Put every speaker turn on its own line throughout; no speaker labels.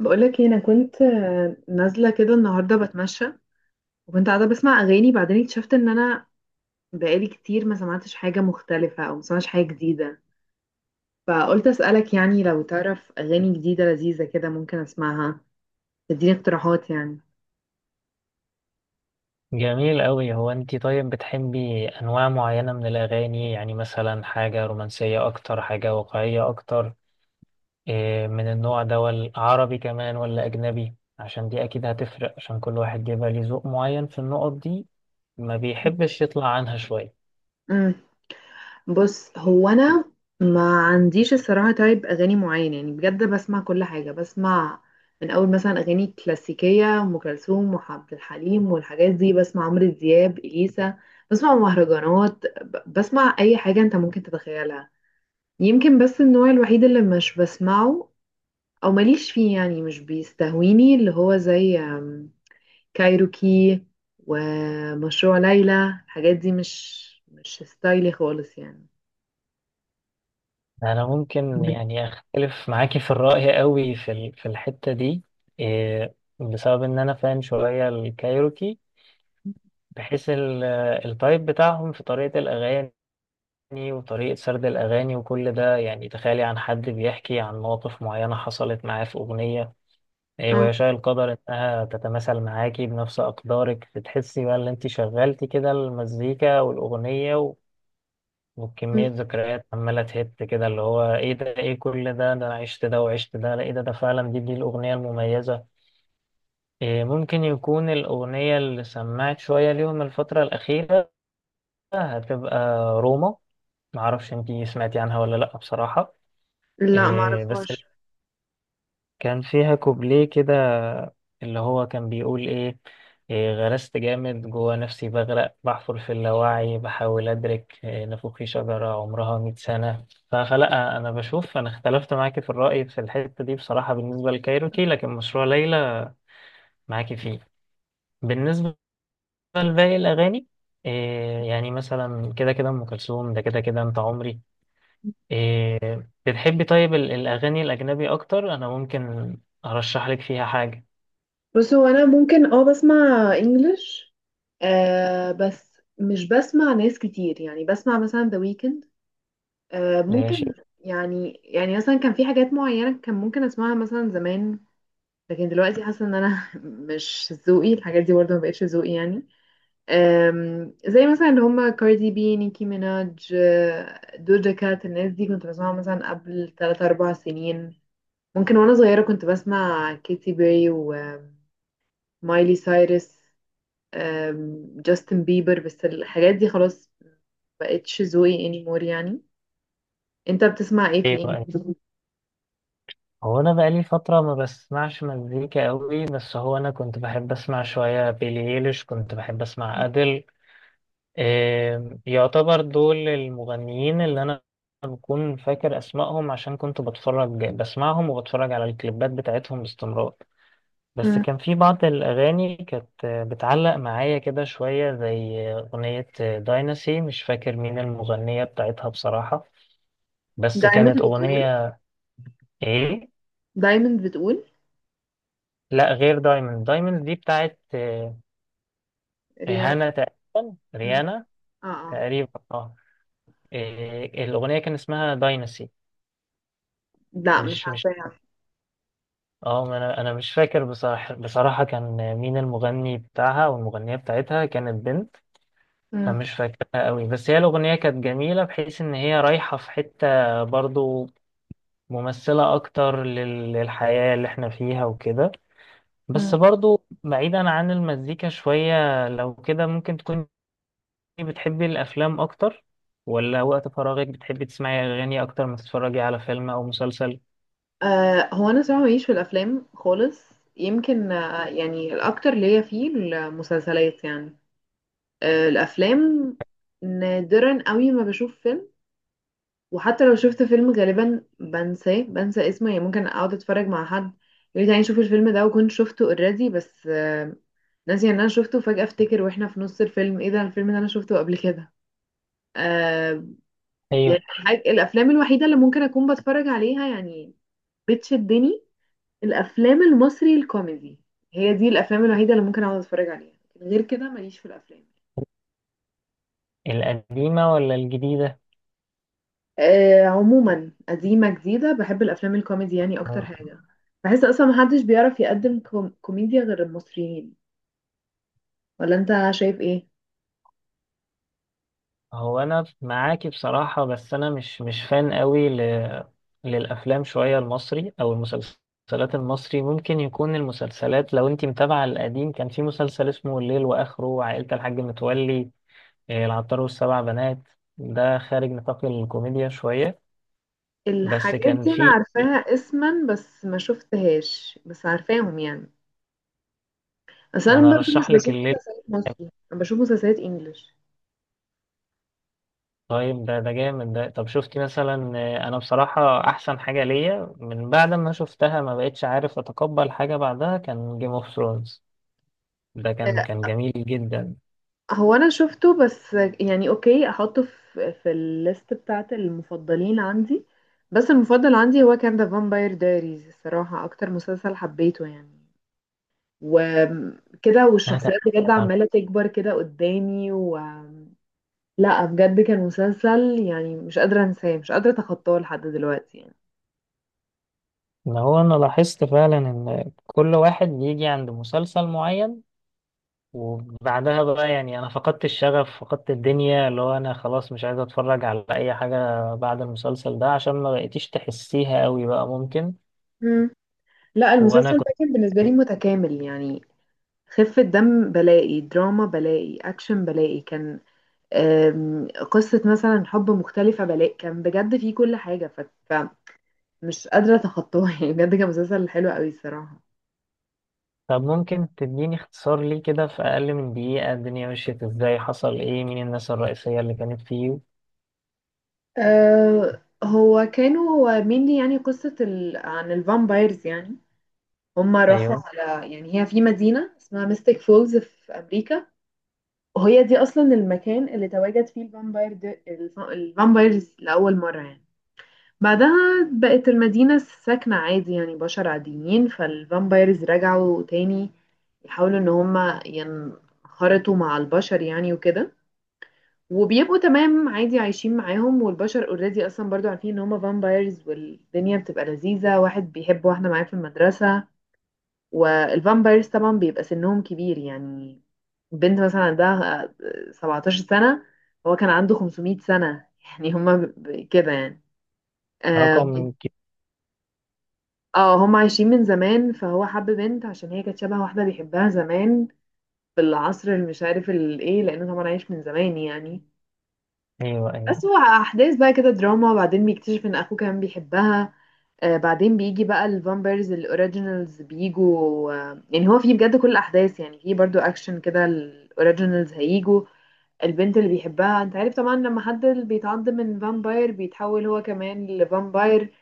بقولك ايه، انا كنت نازله كده النهارده بتمشى، وكنت قاعده بسمع اغاني. بعدين اكتشفت ان انا بقالي كتير ما سمعتش حاجه مختلفه او ما سمعتش حاجه جديده، فقلت اسالك يعني لو تعرف اغاني جديده لذيذه كده ممكن اسمعها، تديني اقتراحات.
جميل أوي. هو أنتي طيب بتحبي أنواع معينة من الأغاني؟ يعني مثلا حاجة رومانسية أكتر، حاجة واقعية أكتر، إيه من النوع ده؟ ولا عربي كمان ولا أجنبي؟ عشان دي أكيد هتفرق، عشان كل واحد بيبقى ليه ذوق معين في النقط دي، ما
يعني
بيحبش يطلع عنها شوية.
بص، هو انا ما عنديش الصراحه تايب اغاني معين، يعني بجد بسمع كل حاجه. بسمع من اول مثلا اغاني كلاسيكيه، ام كلثوم وعبد الحليم والحاجات دي. بسمع عمرو دياب، اليسا. بسمع مهرجانات، بسمع اي حاجه انت ممكن تتخيلها. يمكن بس النوع الوحيد اللي مش بسمعه او ماليش فيه، يعني مش بيستهويني، اللي هو زي كايروكي ومشروع ليلى. الحاجات دي مش ستايلي خالص يعني.
أنا ممكن يعني أختلف معاكي في الرأي أوي في الحتة دي، إيه، بسبب إن أنا فان شوية الكايروكي، بحيث التايب بتاعهم في طريقة الأغاني وطريقة سرد الأغاني وكل ده. يعني تخيلي عن حد بيحكي عن مواقف معينة حصلت معاه في أغنية، إيه، ويشاء القدر إنها تتماثل معاكي بنفس أقدارك، بتحسي بقى إن أنت شغلتي كده المزيكا والأغنية
مم.
وكمية ذكريات عمالة تهت كده، اللي هو إيه ده؟ إيه كل ده؟ ده أنا عشت ده وعشت ده. لا، إيه ده؟ ده فعلا دي الأغنية المميزة. إيه ممكن يكون الأغنية اللي سمعت شوية ليهم الفترة الأخيرة هتبقى روما، معرفش أنت سمعتي عنها ولا لأ بصراحة.
لا،
إيه بس
معرفهاش.
كان فيها كوبليه كده اللي هو كان بيقول إيه، إيه، غرست جامد جوا نفسي، بغرق، بحفر في اللاوعي، بحاول أدرك، إيه، نافوخي شجرة عمرها 100 سنة. فلا أنا بشوف أنا اختلفت معاكي في الرأي في الحتة دي بصراحة بالنسبة لكايروكي، لكن مشروع ليلى معاكي فيه. بالنسبة لباقي الأغاني، إيه يعني مثلا كده كده أم كلثوم، ده كده كده أنت عمري، إيه بتحبي. طيب الأغاني الأجنبي أكتر أنا ممكن أرشح لك فيها حاجة.
بص، هو انا ممكن بسمع انجلش، بس مش بسمع ناس كتير، يعني بسمع مثلا ذا ويكند،
ماشي.
ممكن. يعني مثلا كان في حاجات معينة كان ممكن اسمعها مثلا زمان، لكن دلوقتي حاسة ان انا مش ذوقي. الحاجات دي برضه ما بقتش ذوقي يعني. زي مثلا اللي هما كاردي بي، نيكي ميناج، دوجا كات. الناس دي كنت بسمعها مثلا قبل 3 4 سنين ممكن. وانا صغيرة كنت بسمع كيتي بيري و مايلي سايرس، جاستن بيبر. بس الحاجات دي خلاص بقتش ذوقي anymore يعني. انت بتسمع ايه في
إيه بقى،
الانجليزي؟
هو أنا بقالي فترة ما بسمعش مزيكا أوي، بس هو أنا كنت بحب أسمع شوية بيلي إيليش، كنت بحب أسمع أديل، إيه، يعتبر دول المغنيين اللي أنا بكون فاكر أسمائهم عشان كنت بتفرج بسمعهم وبتفرج على الكليبات بتاعتهم باستمرار. بس
مم.
كان في بعض الأغاني كانت بتعلق معايا كده شوية زي أغنية دايناسي، مش فاكر مين المغنية بتاعتها بصراحة، بس
دايموند
كانت
بتقول
أغنية. إيه؟
دايموند بتقول
لا، غير دايموند. دايموند دي بتاعت
ريان.
ريهانا تقريبا،
مم.
ريانا
اه، اه.
تقريبا، اه. إيه، الأغنية كان اسمها دايناسي.
لا، مش
مش مش
عارفاها.
اه ما أنا مش فاكر بصراحة، بصراحة كان مين المغني بتاعها، والمغنية بتاعتها كانت بنت. انا
مم.
مش فاكرها قوي، بس هي الاغنيه كانت جميله بحيث ان هي رايحه في حته برضو ممثله اكتر للحياه اللي احنا فيها وكده. بس
مم.
برضو بعيدا عن المزيكا شويه، لو كده ممكن تكوني بتحبي الافلام اكتر؟ ولا وقت فراغك بتحبي تسمعي اغاني اكتر ما تتفرجي على فيلم او مسلسل؟
هو انا صراحة ماليش في الافلام خالص، يمكن يعني الاكتر ليا فيه المسلسلات يعني. الافلام نادرا قوي ما بشوف. وحتى لو شفت فيلم غالبا بنساه، بنسى اسمه، يعني ممكن اقعد اتفرج مع حد يقول لي تعالي نشوف الفيلم ده، وكنت شفته اوريدي بس ناسي ان انا شفته. فجأة افتكر واحنا في نص الفيلم، ايه ده الفيلم ده انا شفته قبل كده. آه يعني
ايوه.
الافلام الوحيدة اللي ممكن اكون بتفرج عليها يعني، بتشدني، الافلام المصري الكوميدي. هي دي الافلام الوحيدة اللي ممكن اقعد اتفرج عليها، غير كده ماليش في الافلام.
القديمه ولا الجديده؟
عموما قديمة جديدة، بحب الأفلام الكوميدي يعني أكتر حاجة. بحس أصلا محدش بيعرف يقدم كوميديا غير المصريين، ولا أنت شايف إيه؟
هو انا معاكي بصراحة، بس انا مش فان قوي للافلام شوية المصري او المسلسلات المصري. ممكن يكون المسلسلات، لو انتي متابعة القديم، كان في مسلسل اسمه الليل واخره، عائلة الحاج متولي، إيه، العطار والسبع بنات، ده خارج نطاق الكوميديا شوية، بس
الحاجات
كان
دي أنا
في.
عارفاها اسما بس ما شفتهاش، بس عارفاهم يعني. بس أنا
انا
برضه مش
ارشح لك
بشوف
الليل.
مسلسلات مصري، أنا بشوف مسلسلات إنجلش.
طيب ده، ده جامد ده. طب شفتي مثلا، انا بصراحة احسن حاجة ليا من بعد ما شفتها ما بقتش عارف اتقبل حاجة بعدها كان جيم اوف ثرونز، ده كان
آه،
جميل جدا.
هو أنا شفته، بس يعني أوكي أحطه في الليست بتاعة المفضلين عندي. بس المفضل عندي هو كان ذا فامباير دايريز الصراحة، أكتر مسلسل حبيته يعني. وكده،
انا
والشخصيات بجد
تابعت عنه.
عمالة تكبر كده قدامي لا، بجد كان مسلسل يعني مش قادرة انساه، مش قادرة اتخطاه لحد دلوقتي يعني.
ان هو انا لاحظت فعلا ان كل واحد بيجي عند مسلسل معين وبعدها بقى يعني انا فقدت الشغف، فقدت الدنيا، اللي هو انا خلاص مش عايز اتفرج على اي حاجة بعد المسلسل ده، عشان ما بقيتيش تحسيها قوي بقى، ممكن.
مم. لا،
وانا
المسلسل
كنت
ده كان بالنسبة لي متكامل يعني. خفة دم بلاقي، دراما بلاقي، أكشن بلاقي، كان قصة مثلا حب مختلفة بلاقي، كان بجد فيه كل حاجة، فمش قادرة أتخطاها يعني. بجد كان مسلسل حلو قوي الصراحة.
طب ممكن تديني اختصار ليه كده في اقل من دقيقة، الدنيا مشيت ازاي، حصل ايه، مين الناس الرئيسية اللي كانت فيه؟
هو كانوا هو mainly يعني قصة عن الفامبايرز يعني. هما راحوا
ايوه.
على، يعني هي في مدينة اسمها ميستيك فولز في أمريكا، وهي دي أصلا المكان اللي تواجد فيه الفامباير ده، الفامبايرز لأول مرة يعني. بعدها بقت المدينة ساكنة عادي يعني، بشر عاديين، فالفامبايرز رجعوا تاني يحاولوا إن هما ينخرطوا مع البشر يعني وكده، وبيبقوا تمام عادي عايشين معاهم. والبشر اوريدي اصلا برضو عارفين ان هما فامبايرز، والدنيا بتبقى لذيذة. واحد بيحب واحدة معاه في المدرسة، والفامبايرز طبعا بيبقى سنهم كبير يعني. بنت مثلا عندها 17 سنة، هو كان عنده 500 سنة. يعني هما كده يعني. اه.
رقم
هما عايشين من زمان، فهو حب بنت عشان هي كانت شبه واحدة بيحبها زمان في العصر اللي مش عارف الايه، لانه طبعا عايش من زمان يعني.
ايوه، ايوه.
أسوأ أحداث بقى كده، دراما، بعدين بيكتشف إن أخوه كان بيحبها. بعدين بيجي بقى الفامبرز الأوريجينالز بيجوا، يعني هو فيه بجد كل الأحداث يعني، فيه برضو أكشن كده. الأوريجينالز هيجوا البنت اللي بيحبها. أنت عارف طبعا لما حد بيتعض من فامباير بيتحول هو كمان لفامباير،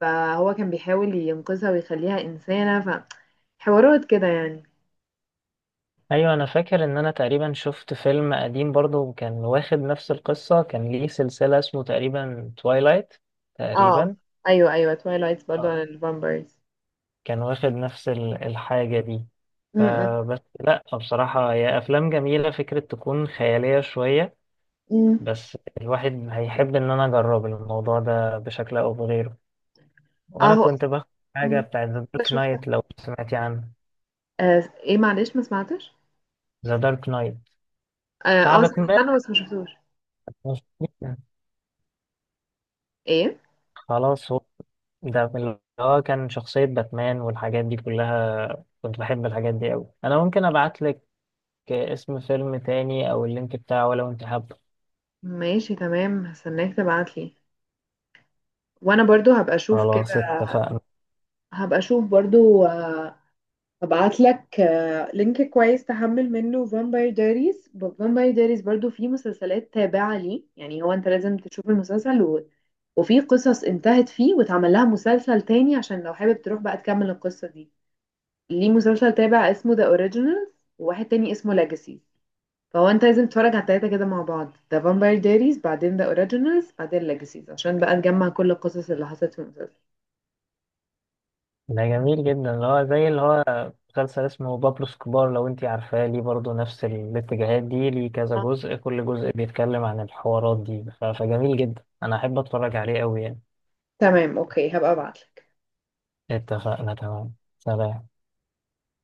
فهو كان بيحاول ينقذها ويخليها إنسانة، فحوارات كده يعني.
ايوه انا فاكر ان انا تقريبا شفت فيلم قديم برضو كان واخد نفس القصه، كان ليه سلسله اسمه تقريبا تويلايت
اه،
تقريبا،
أيوه، أيوه، تويلايتس برضو عن
اه،
الفامبايرز.
كان واخد نفس الحاجه دي.
م- م-
فبس لا بصراحه هي افلام جميله، فكره تكون خياليه شويه،
م.
بس الواحد هيحب ان انا اجرب الموضوع ده بشكل او بغيره.
اه،
وانا كنت باخد حاجه
م.
بتاعت ذا دارك
شفتها.
نايت، لو سمعتي عنه.
ايه معلش ما سمعتش.
ذا دارك نايت
اه،
بتاع
سمعت عنه بس ما شفتوش.
باتمان.
ايه.
خلاص. هو ده من اللي هو كان شخصية باتمان والحاجات دي كلها، كنت بحب الحاجات دي أوي. أنا ممكن أبعت لك اسم فيلم تاني أو اللينك بتاعه لو أنت حابه.
ماشي تمام، هستناك تبعتلي وانا برضو هبقى اشوف
خلاص
كده.
اتفقنا.
هبقى اشوف برضو، هبعت لك لينك كويس تحمل منه فامباير دايريز. فامباير دايريز برضو فيه مسلسلات تابعة ليه، يعني هو انت لازم تشوف المسلسل وفي قصص انتهت فيه واتعمل لها مسلسل تاني، عشان لو حابب تروح بقى تكمل القصة دي. ليه مسلسل تابع اسمه ذا اوريجينالز، وواحد تاني اسمه ليجاسيز. فهو انت لازم تتفرج على التلاتة كده مع بعض، ذا فامباير دايريز بعدين ذا اوريجينالز بعدين ليجاسيز، عشان بقى نجمع كل القصص اللي حصلت في المسلسل.
ده جميل جدا، اللي هو زي اللي هو مسلسل اسمه بابلو سكوبار، لو أنت عارفاه، ليه برضه نفس الاتجاهات دي، ليه كذا
آه.
جزء، كل جزء بيتكلم عن الحوارات دي، فجميل جدا، أنا أحب أتفرج عليه أوي يعني.
تمام اوكي، هبقى ابعتلك.
اتفقنا، تمام، سلام.